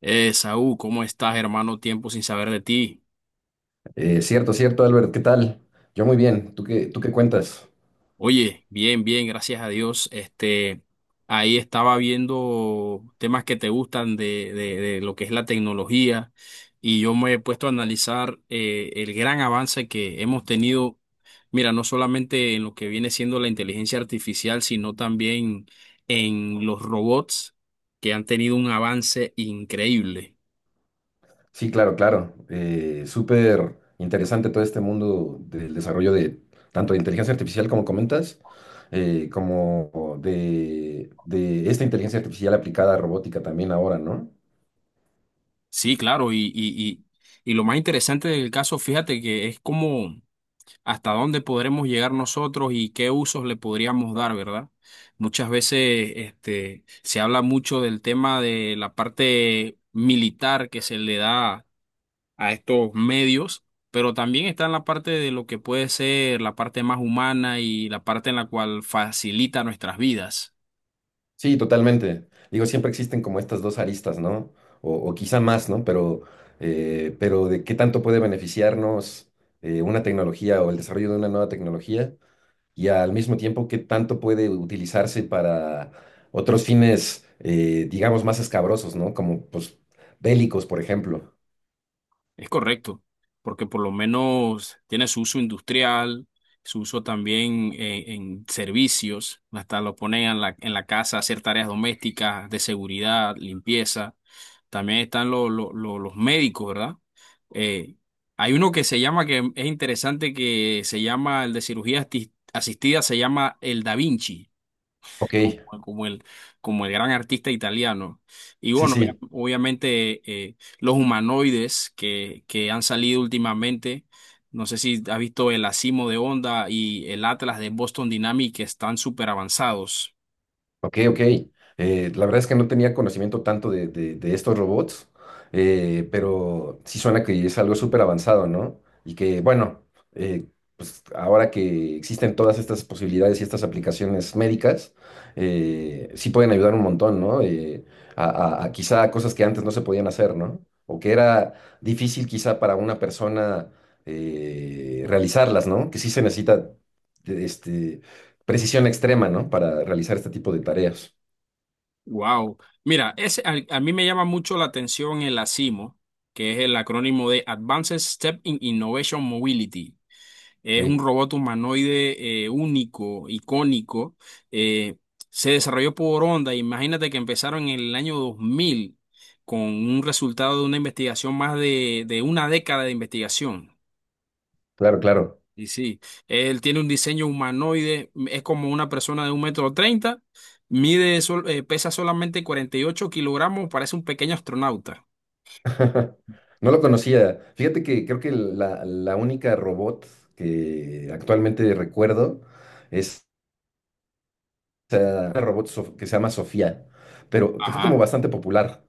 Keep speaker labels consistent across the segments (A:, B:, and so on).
A: Saúl, ¿cómo estás, hermano? Tiempo sin saber de ti.
B: Cierto, cierto, Albert, ¿qué tal? Yo muy bien, ¿tú qué cuentas?
A: Oye, bien, bien, gracias a Dios. Este, ahí estaba viendo temas que te gustan de lo que es la tecnología y yo me he puesto a analizar el gran avance que hemos tenido, mira, no solamente en lo que viene siendo la inteligencia artificial, sino también en los robots que han tenido un avance increíble.
B: Sí, claro, claro. Súper interesante todo este mundo del desarrollo de, tanto de inteligencia artificial como comentas, como de esta inteligencia artificial aplicada a robótica también ahora, ¿no?
A: Sí, claro, y, y lo más interesante del caso, fíjate que es como hasta dónde podremos llegar nosotros y qué usos le podríamos dar, ¿verdad? Muchas veces este, se habla mucho del tema de la parte militar que se le da a estos medios, pero también está en la parte de lo que puede ser la parte más humana y la parte en la cual facilita nuestras vidas.
B: Sí, totalmente. Digo, siempre existen como estas dos aristas, ¿no? O quizá más, ¿no? Pero de qué tanto puede beneficiarnos una tecnología o el desarrollo de una nueva tecnología, y al mismo tiempo qué tanto puede utilizarse para otros fines, digamos, más escabrosos, ¿no? Como, pues, bélicos, por ejemplo.
A: Es correcto, porque por lo menos tiene su uso industrial, su uso también en servicios, hasta lo ponen en en la casa a hacer tareas domésticas, de seguridad, limpieza. También están los médicos, ¿verdad? Eh, hay uno que se llama, que es interesante, que se llama el de cirugía asistida, se llama el Da Vinci
B: Ok,
A: como, como el, como el gran artista italiano. Y
B: sí,
A: bueno,
B: sí.
A: obviamente los humanoides que han salido últimamente, no sé si has visto el Asimo de Honda y el Atlas de Boston Dynamics que están súper avanzados.
B: Ok, ok. La verdad es que no tenía conocimiento tanto de, de estos robots, pero sí suena que es algo súper avanzado, ¿no? Y que, bueno, eh, pues ahora que existen todas estas posibilidades y estas aplicaciones médicas, sí pueden ayudar un montón, ¿no? A, a quizá a cosas que antes no se podían hacer, ¿no? O que era difícil quizá para una persona realizarlas, ¿no? Que sí se necesita este, precisión extrema, ¿no? Para realizar este tipo de tareas.
A: Wow. Mira, a mí me llama mucho la atención el ASIMO, que es el acrónimo de Advanced Step in Innovation Mobility. Es un
B: Ok,
A: robot humanoide único, icónico. Eh, se desarrolló por Honda. Imagínate que empezaron en el año 2000 con un resultado de una investigación más de una década de investigación.
B: claro, claro.
A: Y sí, él tiene un diseño humanoide, es como una persona de 1,30 metros, mide, pesa solamente 48 kilogramos, parece un pequeño astronauta.
B: No lo conocía. Fíjate que creo que la única robot que actualmente recuerdo es, una robot que se llama Sofía, pero que fue como
A: Ajá.
B: bastante popular.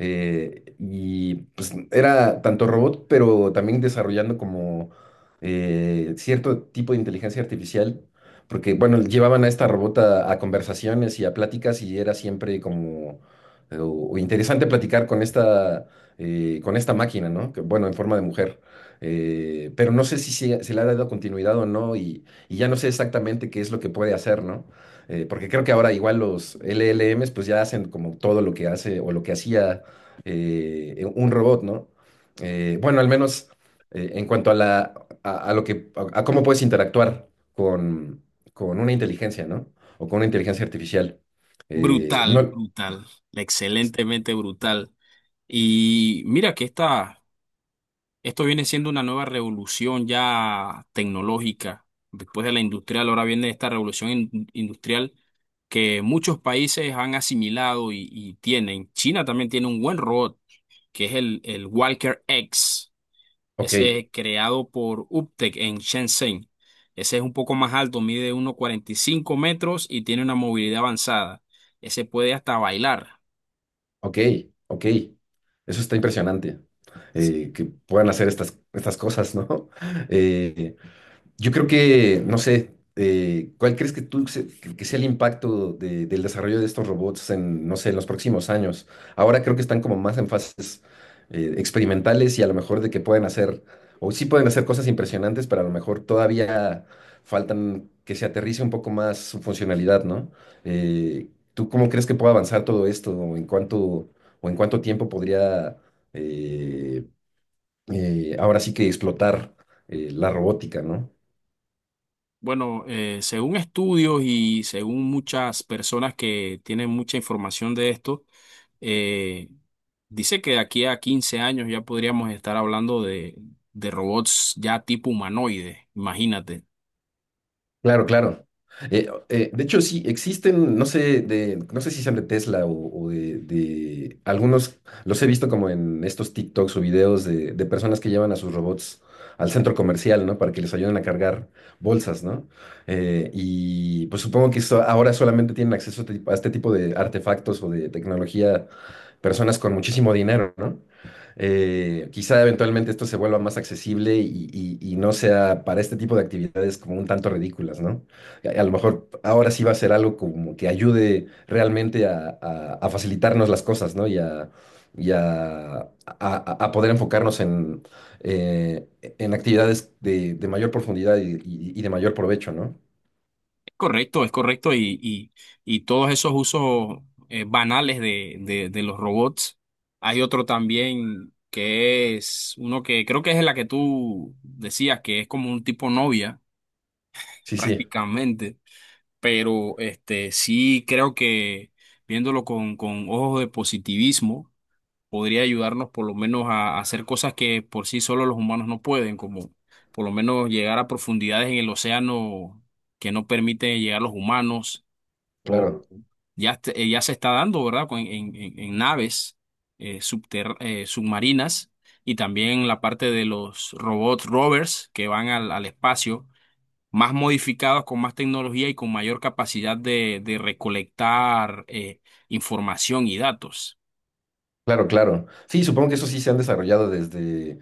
B: Y pues era tanto robot, pero también desarrollando como cierto tipo de inteligencia artificial, porque bueno, llevaban a esta robot a conversaciones y a pláticas y era siempre como o interesante platicar con esta máquina, ¿no? Que, bueno, en forma de mujer. Pero no sé si se, se le ha dado continuidad o no y, y ya no sé exactamente qué es lo que puede hacer, ¿no? Porque creo que ahora igual los LLMs pues ya hacen como todo lo que hace o lo que hacía un robot, ¿no? Bueno, al menos en cuanto a la, a lo que a cómo puedes interactuar con, con una inteligencia, ¿no? O con una inteligencia artificial.
A: Brutal,
B: No,
A: brutal, excelentemente brutal. Y mira que esta, Esto viene siendo una nueva revolución ya tecnológica. Después de la industrial, ahora viene esta revolución industrial que muchos países han asimilado y tienen. China también tiene un buen robot, que es el Walker X.
B: ok,
A: Ese es creado por Uptech en Shenzhen. Ese es un poco más alto, mide 1,45 metros y tiene una movilidad avanzada. Ese puede hasta bailar.
B: ok, ok. Eso está impresionante.
A: Sí,
B: Que puedan hacer estas, estas cosas, ¿no? Eh, yo creo que, no sé, ¿cuál crees que tú que sea el impacto del desarrollo de estos robots en, no sé, en los próximos años? Ahora creo que están como más en fases experimentales y a lo mejor de que pueden hacer, o sí pueden hacer cosas impresionantes, pero a lo mejor todavía faltan que se aterrice un poco más su funcionalidad, ¿no? ¿Tú cómo crees que puede avanzar todo esto? O en cuánto tiempo podría eh, ahora sí que explotar la robótica, ¿no?
A: bueno, según estudios y según muchas personas que tienen mucha información de esto, eh, dice que de aquí a 15 años ya podríamos estar hablando de robots ya tipo humanoide, imagínate.
B: Claro, claro. De hecho, sí, existen, no sé, de, no sé si sean de Tesla o de, algunos, los he visto como en estos TikToks o videos de personas que llevan a sus robots al centro comercial, ¿no? Para que les ayuden a cargar bolsas, ¿no? Y pues supongo que ahora solamente tienen acceso a este tipo, a este tipo de artefactos o de tecnología, personas con muchísimo dinero, ¿no? Quizá eventualmente esto se vuelva más accesible y, y no sea para este tipo de actividades como un tanto ridículas, ¿no? A lo mejor ahora sí va a ser algo como que ayude realmente a, a facilitarnos las cosas, ¿no? Y a, a poder enfocarnos eh, en actividades de mayor profundidad y, y de mayor provecho, ¿no?
A: Es correcto y todos esos usos banales de los robots. Hay otro también que es uno que creo que es la que tú decías, que es como un tipo novia
B: Sí, sí,
A: prácticamente. Pero este sí creo que viéndolo con ojos de positivismo podría ayudarnos por lo menos a hacer cosas que por sí solo los humanos no pueden, como por lo menos llegar a profundidades en el océano que no permiten llegar los humanos, o
B: claro.
A: ya se está dando, ¿verdad? En naves submarinas y también la parte de los robots rovers que van al al espacio más modificados, con más tecnología y con mayor capacidad de recolectar información y datos.
B: Claro, claro. Sí, supongo que eso sí se han desarrollado desde,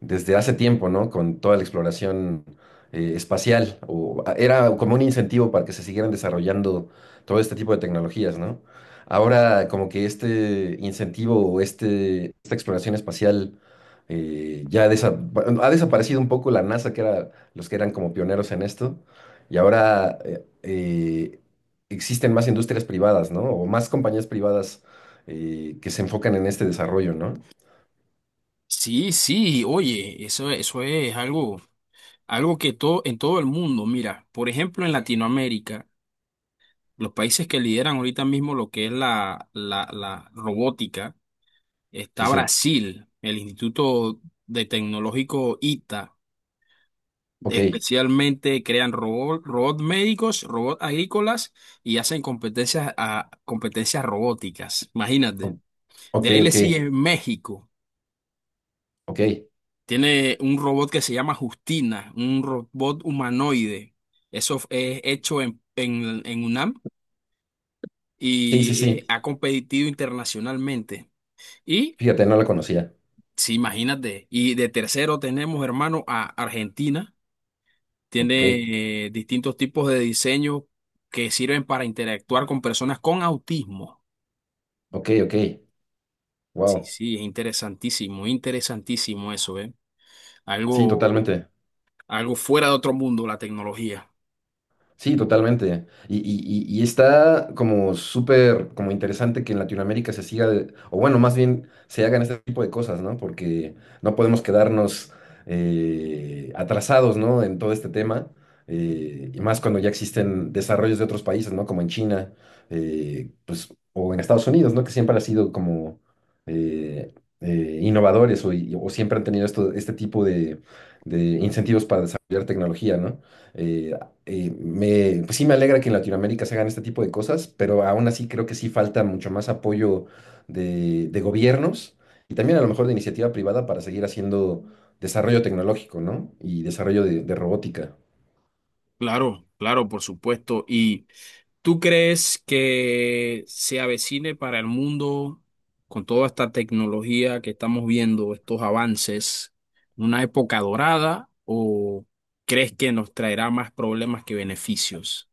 B: desde hace tiempo, ¿no? Con toda la exploración espacial. O, era como un incentivo para que se siguieran desarrollando todo este tipo de tecnologías, ¿no? Ahora, como que este incentivo o este, esta exploración espacial bueno, ha desaparecido un poco la NASA, que era los que eran como pioneros en esto. Y ahora existen más industrias privadas, ¿no? O más compañías privadas que se enfocan en este desarrollo, ¿no?
A: Sí, sí, oye, eso es algo, algo que todo, en todo el mundo, mira, por ejemplo, en Latinoamérica, los países que lideran ahorita mismo lo que es la robótica,
B: Sí,
A: está
B: sí.
A: Brasil, el Instituto de Tecnológico ITA.
B: Ok,
A: Especialmente crean robots, robots médicos, robots agrícolas y hacen competencias, a, competencias robóticas. Imagínate.
B: o- ok,
A: De ahí le
B: ok,
A: sigue México.
B: ok.
A: Tiene un robot que se llama Justina, un robot humanoide. Eso es hecho en UNAM
B: Sí,
A: y
B: sí, sí.
A: ha competido internacionalmente. Y,
B: Fíjate, no la conocía.
A: sí, imagínate. Y de tercero tenemos, hermano, a Argentina.
B: Ok,
A: Tiene distintos tipos de diseño que sirven para interactuar con personas con autismo.
B: ok, ok.
A: Sí,
B: Wow.
A: sí, es interesantísimo, interesantísimo eso, ¿eh?
B: Sí,
A: Algo,
B: totalmente.
A: algo fuera de otro mundo, la tecnología.
B: Sí, totalmente. Y, y está como súper como interesante que en Latinoamérica se siga, o bueno, más bien se hagan este tipo de cosas, ¿no? Porque no podemos quedarnos atrasados, ¿no? En todo este tema, y más cuando ya existen desarrollos de otros países, ¿no? Como en China, pues, o en Estados Unidos, ¿no? Que siempre han sido como eh, innovadores o, o siempre han tenido esto, este tipo de incentivos para desarrollar tecnología, ¿no? Eh, pues sí me alegra que en Latinoamérica se hagan este tipo de cosas, pero aún así creo que sí falta mucho más apoyo de gobiernos y también a lo mejor de iniciativa privada para seguir haciendo desarrollo tecnológico, ¿no? Y desarrollo de robótica.
A: Claro, claro, por supuesto. ¿Y tú crees que se avecine para el mundo con toda esta tecnología que estamos viendo, estos avances, una época dorada o crees que nos traerá más problemas que beneficios?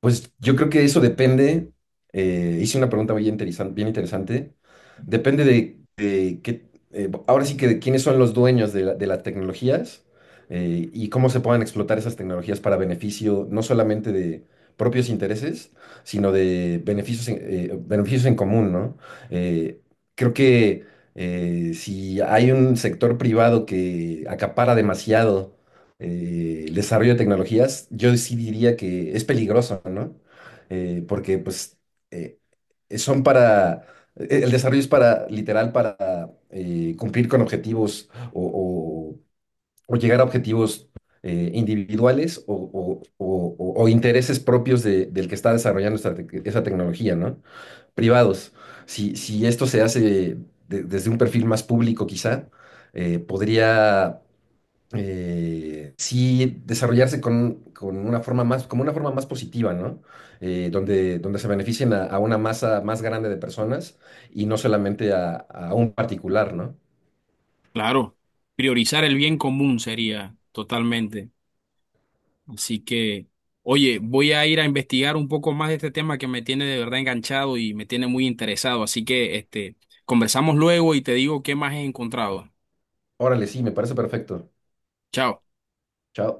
B: Pues yo creo que eso depende. Hice una pregunta muy interesante, bien interesante. Depende de qué, ahora sí que de quiénes son los dueños de, de las tecnologías y cómo se puedan explotar esas tecnologías para beneficio no solamente de propios intereses, sino de beneficios en, beneficios en común, ¿no? Eh, creo que si hay un sector privado que acapara demasiado el desarrollo de tecnologías, yo sí diría que es peligroso, ¿no? Porque pues eh, son para, el desarrollo es para, literal, para cumplir con objetivos o, o llegar a objetivos individuales o, o intereses propios del que está desarrollando esta esa tecnología, ¿no? Privados. Si, si esto se hace desde un perfil más público, quizá, podría sí desarrollarse con una forma más, como una forma más positiva, ¿no? Donde, donde se beneficien a una masa más grande de personas y no solamente a un particular, ¿no?
A: Claro, priorizar el bien común sería totalmente. Así que, oye, voy a ir a investigar un poco más de este tema que me tiene de verdad enganchado y me tiene muy interesado. Así que, este, conversamos luego y te digo qué más he encontrado.
B: Órale, sí, me parece perfecto.
A: Chao.
B: Chao.